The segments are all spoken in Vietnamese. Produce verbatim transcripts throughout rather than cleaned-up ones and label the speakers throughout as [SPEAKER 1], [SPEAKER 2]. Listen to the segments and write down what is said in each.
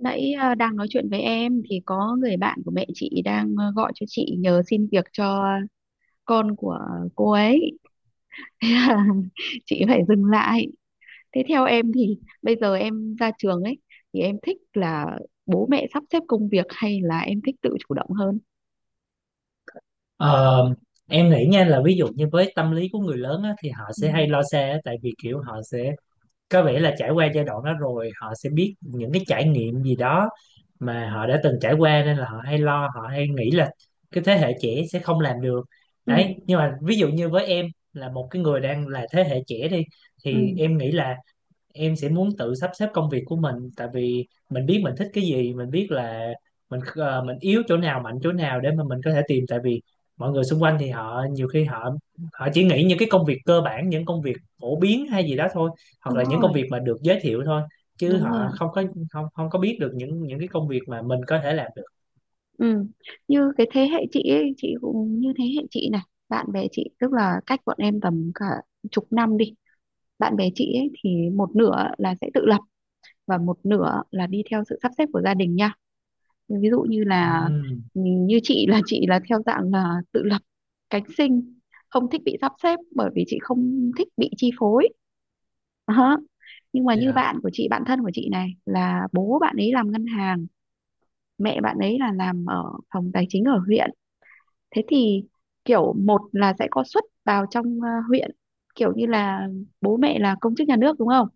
[SPEAKER 1] Nãy ờ, đang nói chuyện với em thì có người bạn của mẹ chị đang ờ, gọi cho chị nhờ xin việc cho con của cô ấy. Thế là chị phải dừng lại. Thế theo em thì bây giờ em ra trường ấy thì em thích là bố mẹ sắp xếp công việc hay là em thích tự chủ động hơn?
[SPEAKER 2] Ờ, em nghĩ nha là ví dụ như với tâm lý của người lớn á, thì họ
[SPEAKER 1] Ừ.
[SPEAKER 2] sẽ hay lo xa á, tại vì kiểu họ sẽ có vẻ là trải qua giai đoạn đó rồi họ sẽ biết những cái trải nghiệm gì đó mà họ đã từng trải qua, nên là họ hay lo, họ hay nghĩ là cái thế hệ trẻ sẽ không làm được
[SPEAKER 1] Ừ,
[SPEAKER 2] đấy. Nhưng mà ví dụ như với em là một cái người đang là thế hệ trẻ đi
[SPEAKER 1] ừ,
[SPEAKER 2] thì em nghĩ là em sẽ muốn tự sắp xếp công việc của mình, tại vì mình biết mình thích cái gì, mình biết là mình ờ, mình yếu chỗ nào mạnh chỗ nào để mà mình có thể tìm. Tại vì mọi người xung quanh thì họ nhiều khi họ họ chỉ nghĩ những cái công việc cơ bản, những công việc phổ biến hay gì đó thôi, hoặc
[SPEAKER 1] đúng
[SPEAKER 2] là những công
[SPEAKER 1] rồi,
[SPEAKER 2] việc mà được giới thiệu thôi, chứ
[SPEAKER 1] đúng rồi,
[SPEAKER 2] họ không có không không có biết được những những cái công việc mà mình có thể làm được.
[SPEAKER 1] ừ, như cái thế hệ chị ấy, chị cũng như thế hệ chị này, bạn bè chị, tức là cách bọn em tầm cả chục năm đi, bạn bè chị ấy thì một nửa là sẽ tự lập và một nửa là đi theo sự sắp xếp của gia đình nha. Ví dụ như là
[SPEAKER 2] Ừm,
[SPEAKER 1] ừ, như chị là chị là theo dạng là tự lập cánh sinh, không thích bị sắp xếp bởi vì chị không thích bị chi phối. Đó. Nhưng mà như
[SPEAKER 2] dạ,
[SPEAKER 1] bạn của chị, bạn thân của chị này, là bố bạn ấy làm ngân hàng, mẹ bạn ấy là làm ở phòng tài chính ở huyện. Thế thì kiểu một là sẽ có suất vào trong ờ, huyện, kiểu như là bố mẹ là công chức nhà nước đúng không,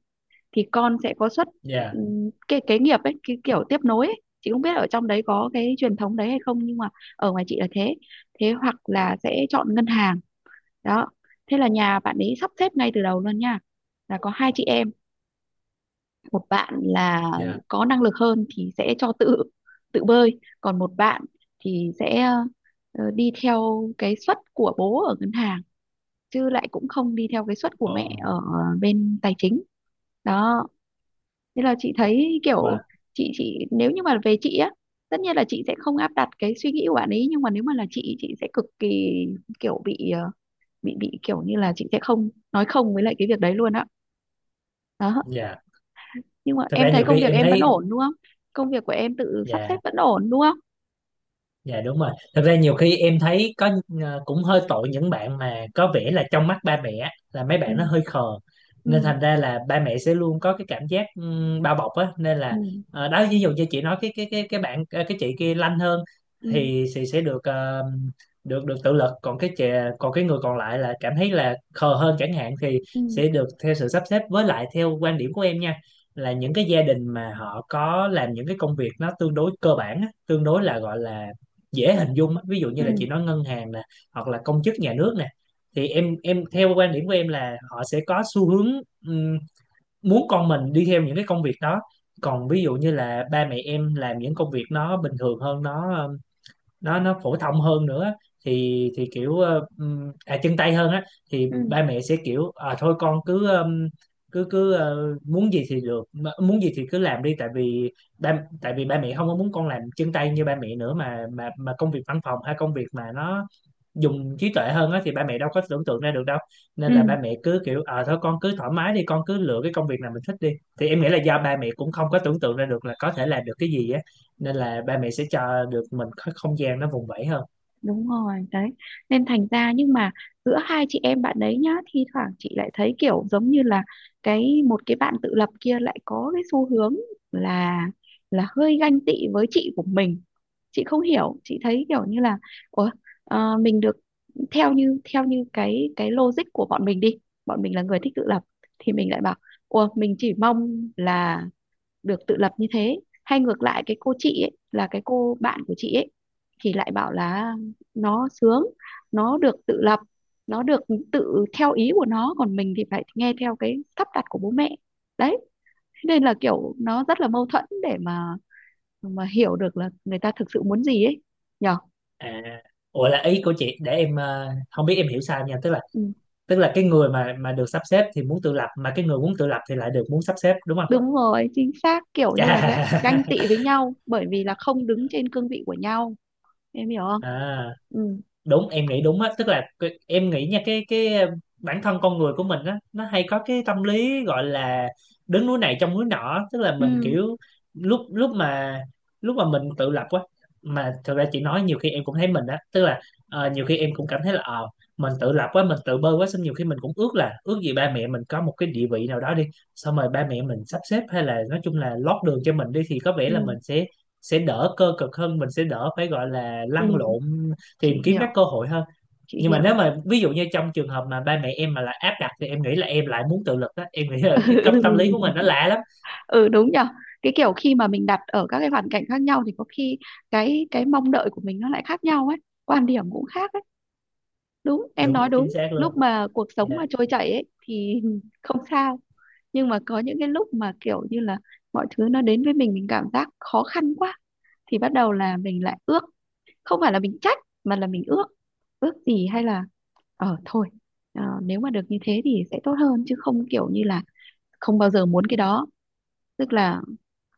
[SPEAKER 1] thì con sẽ có xuất,
[SPEAKER 2] dạ,
[SPEAKER 1] ừm, cái kế nghiệp ấy, cái kiểu tiếp nối ấy. Chị không biết ở trong đấy có cái truyền thống đấy hay không, nhưng mà ở ngoài chị là thế. Thế hoặc là sẽ chọn ngân hàng. Đó, thế là nhà bạn ấy sắp xếp ngay từ đầu luôn nha, là có hai chị em, một bạn là
[SPEAKER 2] dạ.
[SPEAKER 1] có năng lực hơn thì sẽ cho tự tự bơi, còn một bạn thì sẽ ờ, đi theo cái suất của bố ở ngân hàng, chứ lại cũng không đi theo cái suất của mẹ
[SPEAKER 2] Ồ.
[SPEAKER 1] ở bên tài chính. Đó, nên là chị thấy kiểu
[SPEAKER 2] Và
[SPEAKER 1] chị chị nếu như mà về chị á, tất nhiên là chị sẽ không áp đặt cái suy nghĩ của bạn ấy, nhưng mà nếu mà là chị chị sẽ cực kỳ kiểu bị ờ, bị bị kiểu như là chị sẽ không nói không với lại cái việc đấy luôn á. Đó.
[SPEAKER 2] dạ,
[SPEAKER 1] Nhưng mà
[SPEAKER 2] thật ra
[SPEAKER 1] em thấy
[SPEAKER 2] nhiều
[SPEAKER 1] công
[SPEAKER 2] khi
[SPEAKER 1] việc
[SPEAKER 2] em
[SPEAKER 1] em vẫn
[SPEAKER 2] thấy.
[SPEAKER 1] ổn đúng không, công việc của em tự sắp xếp
[SPEAKER 2] Dạ.
[SPEAKER 1] vẫn ổn đúng không?
[SPEAKER 2] Dạ đúng rồi. Thật ra nhiều khi em thấy có ờ, cũng hơi tội những bạn mà có vẻ là trong mắt ba mẹ là mấy
[SPEAKER 1] Ừ,
[SPEAKER 2] bạn nó hơi khờ.
[SPEAKER 1] ừ,
[SPEAKER 2] Nên thành ra là ba mẹ sẽ luôn có cái cảm giác ừm, bao bọc á, nên
[SPEAKER 1] ừ,
[SPEAKER 2] là ờ, đó, ví dụ như chị nói cái cái cái cái bạn ờ, cái chị kia lanh hơn,
[SPEAKER 1] ừ,
[SPEAKER 2] thì chị sẽ được ờ, được được tự lực, còn cái chị còn cái người còn lại là cảm thấy là khờ hơn chẳng hạn, thì
[SPEAKER 1] ừ,
[SPEAKER 2] sẽ được theo sự sắp xếp. Với lại theo quan điểm của em nha, là những cái gia đình mà họ có làm những cái công việc nó tương đối cơ bản á, tương đối là gọi là dễ hình dung á. Ví dụ
[SPEAKER 1] ừ,
[SPEAKER 2] như là chị nói ngân hàng nè, hoặc là công chức nhà nước nè, thì em em theo quan điểm của em là họ sẽ có xu hướng ừm, muốn con mình đi theo những cái công việc đó. Còn ví dụ như là ba mẹ em làm những công việc nó bình thường hơn, nó nó nó phổ thông hơn nữa, thì thì kiểu ờ, ừm, à, chân tay hơn á, thì
[SPEAKER 1] ừ,
[SPEAKER 2] ba mẹ sẽ kiểu, à, thôi, con cứ ừm, cứ cứ ờ, muốn gì thì được mà- muốn gì thì cứ làm đi, tại vì ba tại vì ba mẹ không có muốn con làm chân tay như ba mẹ nữa, mà mà mà công việc văn phòng hay công việc mà nó dùng trí tuệ hơn á, thì ba mẹ đâu có tưởng tượng ra được đâu. Nên là
[SPEAKER 1] ừ,
[SPEAKER 2] ba mẹ cứ kiểu, ờ thôi, con cứ thoải mái đi, con cứ lựa cái công việc nào mình thích đi. Thì em nghĩ là do ba mẹ cũng không có tưởng tượng ra được là có thể làm được cái gì á, nên là ba mẹ sẽ cho được mình có không gian nó vùng vẫy hơn.
[SPEAKER 1] đúng rồi đấy, nên thành ra nhưng mà giữa hai chị em bạn đấy nhá, thi thoảng chị lại thấy kiểu giống như là cái một cái bạn tự lập kia lại có cái xu hướng là là hơi ganh tị với chị của mình. Chị không hiểu, chị thấy kiểu như là ủa, ờ, mình được theo như theo như cái cái logic của bọn mình đi, bọn mình là người thích tự lập thì mình lại bảo ủa, mình chỉ mong là được tự lập như thế. Hay ngược lại cái cô chị ấy, là cái cô bạn của chị ấy thì lại bảo là nó sướng, nó được tự lập, nó được tự theo ý của nó, còn mình thì phải nghe theo cái sắp đặt của bố mẹ. Đấy, thế nên là kiểu nó rất là mâu thuẫn để mà mà hiểu được là người ta thực sự muốn gì ấy, nhở.
[SPEAKER 2] À, ủa, là ý của chị để em ờ, không biết em hiểu sai nha, tức là
[SPEAKER 1] Ừ,
[SPEAKER 2] tức là cái người mà mà được sắp xếp thì muốn tự lập, mà cái người muốn tự lập thì lại được muốn sắp xếp, đúng không?
[SPEAKER 1] đúng rồi, chính xác, kiểu như là ganh
[SPEAKER 2] Chà.
[SPEAKER 1] ganh tị với nhau bởi vì là không đứng trên cương vị của nhau. Em hiểu không?
[SPEAKER 2] À,
[SPEAKER 1] Ừ,
[SPEAKER 2] đúng, em nghĩ đúng á, tức là cái- em nghĩ nha, cái cái ờ, bản thân con người của mình á, nó hay có cái tâm lý gọi là đứng núi này trông núi nọ, tức là mình
[SPEAKER 1] ừ,
[SPEAKER 2] kiểu lúc lúc mà lúc mà mình tự lập quá. Mà thật ra chị nói nhiều khi em cũng thấy mình á, tức là ờ, nhiều khi em cũng cảm thấy là ờ mình tự lập quá, mình tự bơ quá, xong nhiều khi mình cũng ước là ước gì ba mẹ mình có một cái địa vị nào đó đi, xong rồi ba mẹ mình sắp xếp, hay là nói chung là lót đường cho mình đi, thì có vẻ là
[SPEAKER 1] ừ,
[SPEAKER 2] mình sẽ sẽ đỡ cơ cực hơn, mình sẽ đỡ phải gọi là
[SPEAKER 1] ừ.
[SPEAKER 2] lăn lộn tìm
[SPEAKER 1] Chị
[SPEAKER 2] kiếm các
[SPEAKER 1] hiểu,
[SPEAKER 2] cơ hội hơn.
[SPEAKER 1] chị
[SPEAKER 2] Nhưng mà nếu
[SPEAKER 1] hiểu.
[SPEAKER 2] mà ví dụ như trong trường hợp mà ba mẹ em mà là áp đặt, thì em nghĩ là em lại muốn tự lực đó. Em nghĩ là cái tâm tâm lý của mình nó
[SPEAKER 1] Ừ.
[SPEAKER 2] lạ lắm.
[SPEAKER 1] Ừ, đúng nhở, cái kiểu khi mà mình đặt ở các cái hoàn cảnh khác nhau thì có khi cái cái mong đợi của mình nó lại khác nhau ấy, quan điểm cũng khác ấy. Đúng, em nói
[SPEAKER 2] Đúng chính
[SPEAKER 1] đúng,
[SPEAKER 2] xác luôn.
[SPEAKER 1] lúc mà cuộc sống
[SPEAKER 2] Dạ.
[SPEAKER 1] mà trôi chảy ấy thì không sao. Nhưng mà có những cái lúc mà kiểu như là mọi thứ nó đến với mình mình cảm giác khó khăn quá, thì bắt đầu là mình lại ước, không phải là mình trách mà là mình ước, ước gì hay là ờ thôi, ờ, nếu mà được như thế thì sẽ tốt hơn, chứ không kiểu như là không bao giờ muốn cái đó. Tức là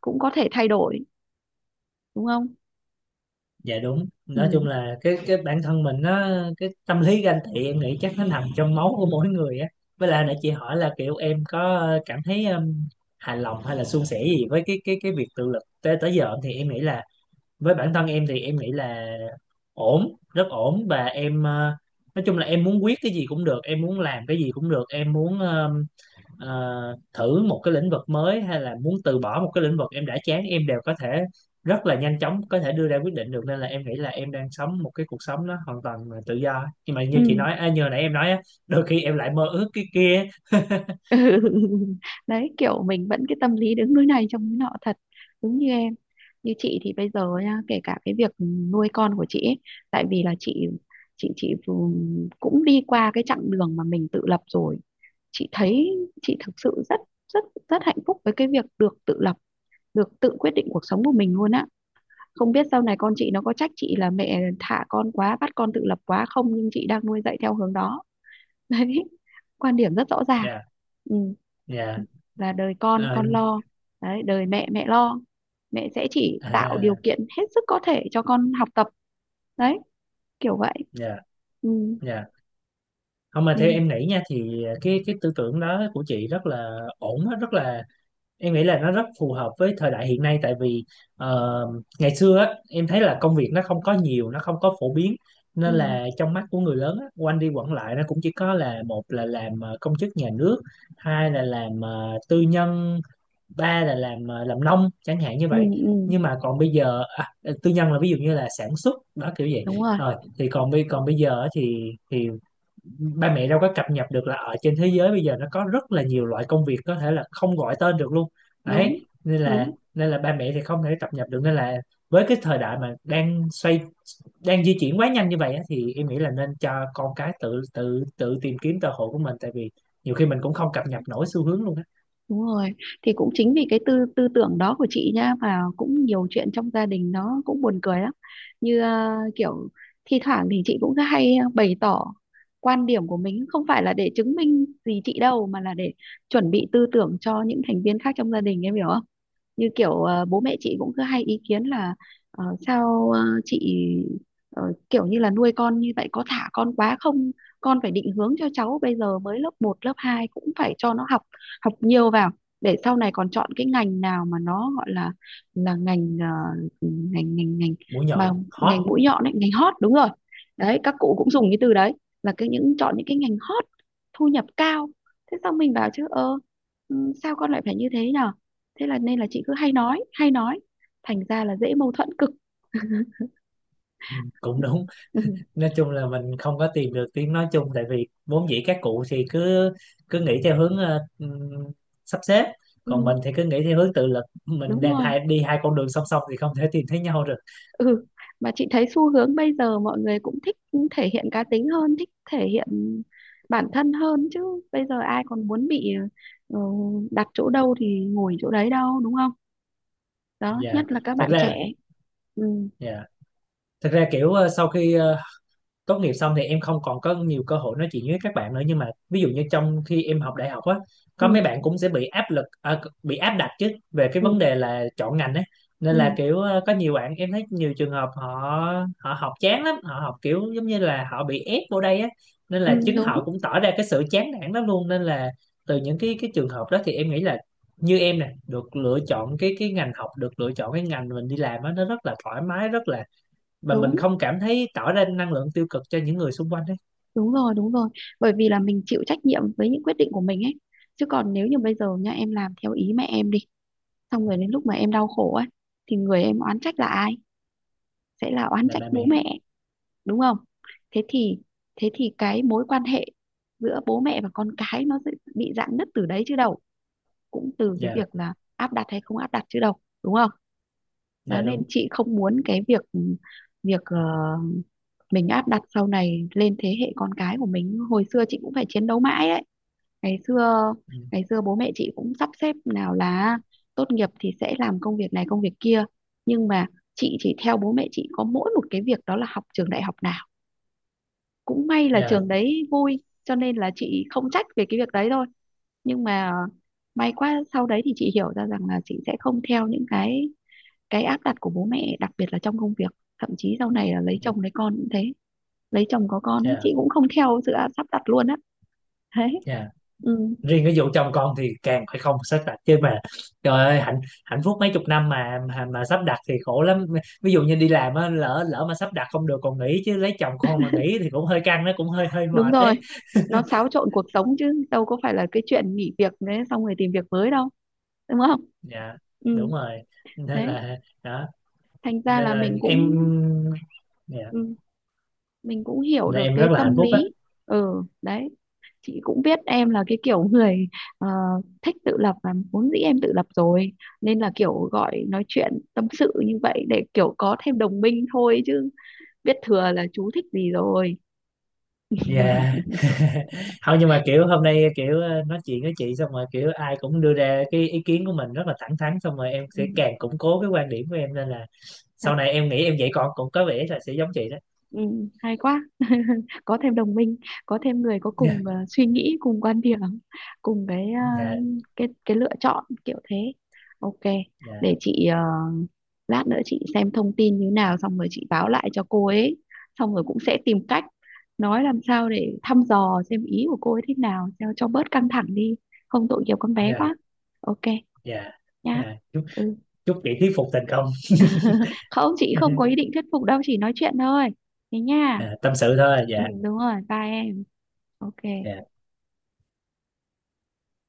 [SPEAKER 1] cũng có thể thay đổi, đúng không?
[SPEAKER 2] Dạ đúng.
[SPEAKER 1] Ừ,
[SPEAKER 2] Nói chung là cái cái bản thân mình nó, cái tâm lý ganh tị em nghĩ chắc nó nằm trong máu của mỗi người á. Với lại nãy chị hỏi là kiểu em có cảm thấy um, hài lòng hay là suôn sẻ gì với cái cái cái việc tự lực tới tới giờ, thì em nghĩ là với bản thân em thì em nghĩ là ổn, rất ổn, và em ờ, nói chung là em muốn quyết cái gì cũng được, em muốn làm cái gì cũng được, em muốn ờ, ờ, thử một cái lĩnh vực mới hay là muốn từ bỏ một cái lĩnh vực em đã chán, em đều có thể rất là nhanh chóng có thể đưa ra quyết định được, nên là em nghĩ là em đang sống một cái cuộc sống nó hoàn toàn là tự do. Nhưng mà như chị
[SPEAKER 1] ừ.
[SPEAKER 2] nói, à, như nãy em nói á, đôi khi em lại mơ ước cái kia.
[SPEAKER 1] Đấy, kiểu mình vẫn cái tâm lý đứng núi này trông núi nọ thật, đúng như em. Như chị thì bây giờ nha, kể cả cái việc nuôi con của chị ấy, tại vì là chị chị chị vừa- cũng đi qua cái chặng đường mà mình tự lập rồi, chị thấy chị thực sự rất rất rất hạnh phúc với cái việc được tự lập, được tự quyết định cuộc sống của mình luôn á. Không biết sau này con chị nó có trách chị là mẹ thả con quá, bắt con tự lập quá không, nhưng chị đang nuôi dạy theo hướng đó. Đấy, quan điểm rất rõ ràng.
[SPEAKER 2] Nha,
[SPEAKER 1] Ừ.
[SPEAKER 2] nha.
[SPEAKER 1] Là đời
[SPEAKER 2] ờ,
[SPEAKER 1] con con lo, đấy, đời mẹ mẹ lo, mẹ sẽ chỉ tạo điều
[SPEAKER 2] À,
[SPEAKER 1] kiện hết sức có thể cho con học tập. Đấy, kiểu vậy.
[SPEAKER 2] nha,
[SPEAKER 1] Ừ.
[SPEAKER 2] nha. Không, mà theo
[SPEAKER 1] Nên
[SPEAKER 2] em nghĩ nha, thì cái cái tư tưởng đó của chị rất là ổn á, rất là em nghĩ là nó rất phù hợp với thời đại hiện nay, tại vì ờ, ngày xưa á, em thấy là công việc nó không có nhiều, nó không có phổ biến,
[SPEAKER 1] ừ.
[SPEAKER 2] nên là trong mắt của người lớn á, quanh đi quẩn lại nó cũng chỉ có là: một là làm ờ, công chức nhà nước, hai là làm ờ, tư nhân, ba là làm ờ, làm nông chẳng hạn như
[SPEAKER 1] Ừ.
[SPEAKER 2] vậy.
[SPEAKER 1] Ừ.
[SPEAKER 2] Nhưng mà còn bây giờ, à, tư nhân là ví dụ như là sản xuất đó kiểu vậy,
[SPEAKER 1] Đúng rồi,
[SPEAKER 2] rồi thì còn bây còn bây giờ á, thì thì ba mẹ đâu có cập nhật được là ở trên thế giới bây giờ nó có rất là nhiều loại công việc, có thể là không gọi tên được luôn đấy.
[SPEAKER 1] đúng,
[SPEAKER 2] Nên là
[SPEAKER 1] đúng.
[SPEAKER 2] nên là ba mẹ thì không thể cập nhật được, nên là với cái thời đại mà đang xoay đang di chuyển quá nhanh như vậy á, thì em nghĩ là nên cho con cái tự tự tự tìm kiếm cơ hội của mình, tại vì nhiều khi mình cũng không cập nhật nổi xu hướng luôn á.
[SPEAKER 1] Đúng rồi, thì cũng chính vì cái tư tư tưởng đó của chị nha mà cũng nhiều chuyện trong gia đình nó cũng buồn cười lắm. Như à, kiểu thi thoảng thì chị cũng hay ờ, bày tỏ quan điểm của mình, không phải là để chứng minh gì chị đâu, mà là để chuẩn bị tư tưởng cho những thành viên khác trong gia đình, em hiểu không? Như kiểu ờ, bố mẹ chị cũng cứ hay ý kiến là ờ, sao ờ, chị ờ, kiểu như là nuôi con như vậy có thả con quá không, con phải định hướng cho cháu bây giờ mới lớp một lớp hai cũng phải cho nó học, học nhiều vào để sau này còn chọn cái ngành nào mà nó gọi là là ngành ờ, ngành ngành ngành
[SPEAKER 2] Mũi
[SPEAKER 1] mà
[SPEAKER 2] nhọn hot.
[SPEAKER 1] ngành mũi nhọn ấy, ngành hot, đúng rồi đấy, các cụ cũng dùng cái từ đấy, là cái những chọn những cái ngành hot thu nhập cao. Thế xong mình bảo chứ ơ, ừ, sao con lại phải như thế nhở. Thế là nên là chị cứ hay nói hay nói, thành ra là dễ mâu thuẫn cực.
[SPEAKER 2] Ừ, cũng đúng.
[SPEAKER 1] Ừ,
[SPEAKER 2] Nói chung là mình không có tìm được tiếng nói chung, tại vì vốn dĩ các cụ thì cứ cứ nghĩ theo hướng ờ, ừm, sắp xếp,
[SPEAKER 1] ừ,
[SPEAKER 2] còn mình thì cứ nghĩ theo hướng tự lực, mình
[SPEAKER 1] đúng
[SPEAKER 2] đang
[SPEAKER 1] rồi.
[SPEAKER 2] hai đi hai con đường song song thì không thể tìm thấy nhau được.
[SPEAKER 1] Ừ, mà chị thấy xu hướng bây giờ mọi người cũng thích thể hiện cá tính hơn, thích thể hiện bản thân hơn chứ. Bây giờ ai còn muốn bị ờ, đặt chỗ đâu thì ngồi chỗ đấy đâu, đúng không? Đó,
[SPEAKER 2] Dạ,
[SPEAKER 1] nhất là các
[SPEAKER 2] thật
[SPEAKER 1] bạn
[SPEAKER 2] ra.
[SPEAKER 1] trẻ. Ừ,
[SPEAKER 2] Dạ, thật ra kiểu ờ, sau khi ờ, tốt nghiệp xong thì em không còn có nhiều cơ hội nói chuyện với các bạn nữa. Nhưng mà ví dụ như trong khi em học đại học á, có mấy
[SPEAKER 1] ừ,
[SPEAKER 2] bạn cũng sẽ bị áp lực, à, bị áp đặt chứ, về cái
[SPEAKER 1] ừ,
[SPEAKER 2] vấn đề là chọn ngành ấy. Nên
[SPEAKER 1] ừ,
[SPEAKER 2] là kiểu ờ, có nhiều bạn em thấy nhiều trường hợp họ họ học chán lắm, họ học kiểu giống như là họ bị ép vô đây á, nên
[SPEAKER 1] ừ,
[SPEAKER 2] là chính họ
[SPEAKER 1] đúng,
[SPEAKER 2] cũng tỏ ra cái sự chán nản lắm luôn. Nên là từ những cái cái trường hợp đó thì em nghĩ là như em nè, được lựa chọn cái cái ngành học, được lựa chọn cái ngành mình đi làm á, nó rất là thoải mái, rất là mà mình
[SPEAKER 1] đúng,
[SPEAKER 2] không cảm thấy tỏ ra năng lượng tiêu cực cho những người xung quanh ấy.
[SPEAKER 1] đúng rồi, đúng rồi, bởi vì là mình chịu trách nhiệm với những quyết định của mình ấy. Chứ còn nếu như bây giờ nha, em làm theo ý mẹ em đi, xong rồi đến lúc mà em đau khổ ấy, thì người em oán trách là ai, sẽ là oán
[SPEAKER 2] Là
[SPEAKER 1] trách
[SPEAKER 2] ba
[SPEAKER 1] bố
[SPEAKER 2] mẹ.
[SPEAKER 1] mẹ, đúng không? Thế thì thế thì cái mối quan hệ giữa bố mẹ và con cái nó sẽ bị rạn nứt từ đấy chứ đâu, cũng từ cái
[SPEAKER 2] Dạ.
[SPEAKER 1] việc là áp đặt hay không áp đặt chứ đâu, đúng không? Đó,
[SPEAKER 2] Dạ
[SPEAKER 1] nên
[SPEAKER 2] đúng.
[SPEAKER 1] chị không muốn cái việc việc ờ, mình áp đặt sau này lên thế hệ con cái của mình. Hồi xưa chị cũng phải chiến đấu mãi đấy. Ngày xưa,
[SPEAKER 2] Ừ,
[SPEAKER 1] ngày xưa bố mẹ chị cũng sắp xếp nào là tốt nghiệp thì sẽ làm công việc này công việc kia, nhưng mà chị chỉ theo bố mẹ chị có mỗi một cái việc đó là học trường đại học nào, cũng may là
[SPEAKER 2] dạ.
[SPEAKER 1] trường đấy vui cho nên là chị không trách về cái việc đấy thôi. Nhưng mà may quá sau đấy thì chị hiểu ra rằng là chị sẽ không theo những cái cái áp đặt của bố mẹ, đặc biệt là trong công việc. Thậm chí sau này là lấy
[SPEAKER 2] Ừ,
[SPEAKER 1] chồng lấy con cũng thế, lấy chồng có con ấy,
[SPEAKER 2] dạ,
[SPEAKER 1] chị cũng không theo sự áp- sắp đặt luôn á. Thế.
[SPEAKER 2] dạ.
[SPEAKER 1] Ừ,
[SPEAKER 2] Riêng cái vụ chồng con thì càng phải không sắp đặt chứ mà, trời ơi, hạnh hạnh phúc mấy chục năm mà mà, mà sắp đặt thì khổ lắm. Ví dụ như đi làm á, lỡ lỡ mà sắp đặt không được còn nghỉ chứ, lấy chồng con mà nghỉ thì cũng hơi căng, nó cũng hơi hơi
[SPEAKER 1] đúng
[SPEAKER 2] mệt
[SPEAKER 1] rồi,
[SPEAKER 2] đấy.
[SPEAKER 1] nó xáo trộn cuộc sống chứ đâu có phải là cái chuyện nghỉ việc đấy xong rồi tìm việc mới đâu, đúng không?
[SPEAKER 2] Dạ
[SPEAKER 1] Ừ,
[SPEAKER 2] đúng rồi. Nên
[SPEAKER 1] đấy,
[SPEAKER 2] là đó,
[SPEAKER 1] thành ra
[SPEAKER 2] nên
[SPEAKER 1] là
[SPEAKER 2] là
[SPEAKER 1] mình
[SPEAKER 2] em.
[SPEAKER 1] cũng
[SPEAKER 2] Dạ,
[SPEAKER 1] ừ, mình cũng hiểu
[SPEAKER 2] nên
[SPEAKER 1] được
[SPEAKER 2] em
[SPEAKER 1] cái
[SPEAKER 2] rất là hạnh
[SPEAKER 1] tâm
[SPEAKER 2] phúc á.
[SPEAKER 1] lý. Ừ, đấy, chị cũng biết em là cái kiểu người ờ, thích tự lập và vốn dĩ em tự lập rồi, nên là kiểu gọi nói chuyện tâm sự như vậy để kiểu có thêm đồng minh thôi, chứ biết thừa là chú thích gì rồi.
[SPEAKER 2] Dạ. Không, nhưng mà kiểu hôm nay kiểu ờ, nói chuyện với chị xong rồi, kiểu ai cũng đưa ra cái ý kiến của mình rất là thẳng thắn, xong rồi em
[SPEAKER 1] Ừ.
[SPEAKER 2] sẽ
[SPEAKER 1] Thật.
[SPEAKER 2] càng củng cố cái quan điểm của em, nên là sau này em nghĩ em dạy con cũng có vẻ là sẽ giống chị đó.
[SPEAKER 1] Ừ, hay quá, có thêm đồng minh, có thêm người có cùng ờ, suy nghĩ, cùng quan điểm, cùng cái ờ,
[SPEAKER 2] Dạ,
[SPEAKER 1] cái cái lựa chọn kiểu thế. Ok,
[SPEAKER 2] dạ,
[SPEAKER 1] để chị ờ, lát nữa chị xem thông tin như nào xong rồi chị báo lại cho cô ấy, xong rồi cũng sẽ tìm cách nói làm sao để thăm dò xem ý của cô ấy thế nào cho cho bớt căng thẳng đi, không tội nghiệp con bé
[SPEAKER 2] dạ,
[SPEAKER 1] quá. Ok,
[SPEAKER 2] dạ,
[SPEAKER 1] nha.
[SPEAKER 2] dạ. Chúc
[SPEAKER 1] Ừ.
[SPEAKER 2] Chúc chị thuyết phục thành công.
[SPEAKER 1] Không, chị không có ý định thuyết phục đâu, chỉ nói chuyện thôi. Thế nha.
[SPEAKER 2] Dạ, tâm sự thôi,
[SPEAKER 1] Ừ,
[SPEAKER 2] dạ.
[SPEAKER 1] đúng rồi, bye em. Ok
[SPEAKER 2] Dạ.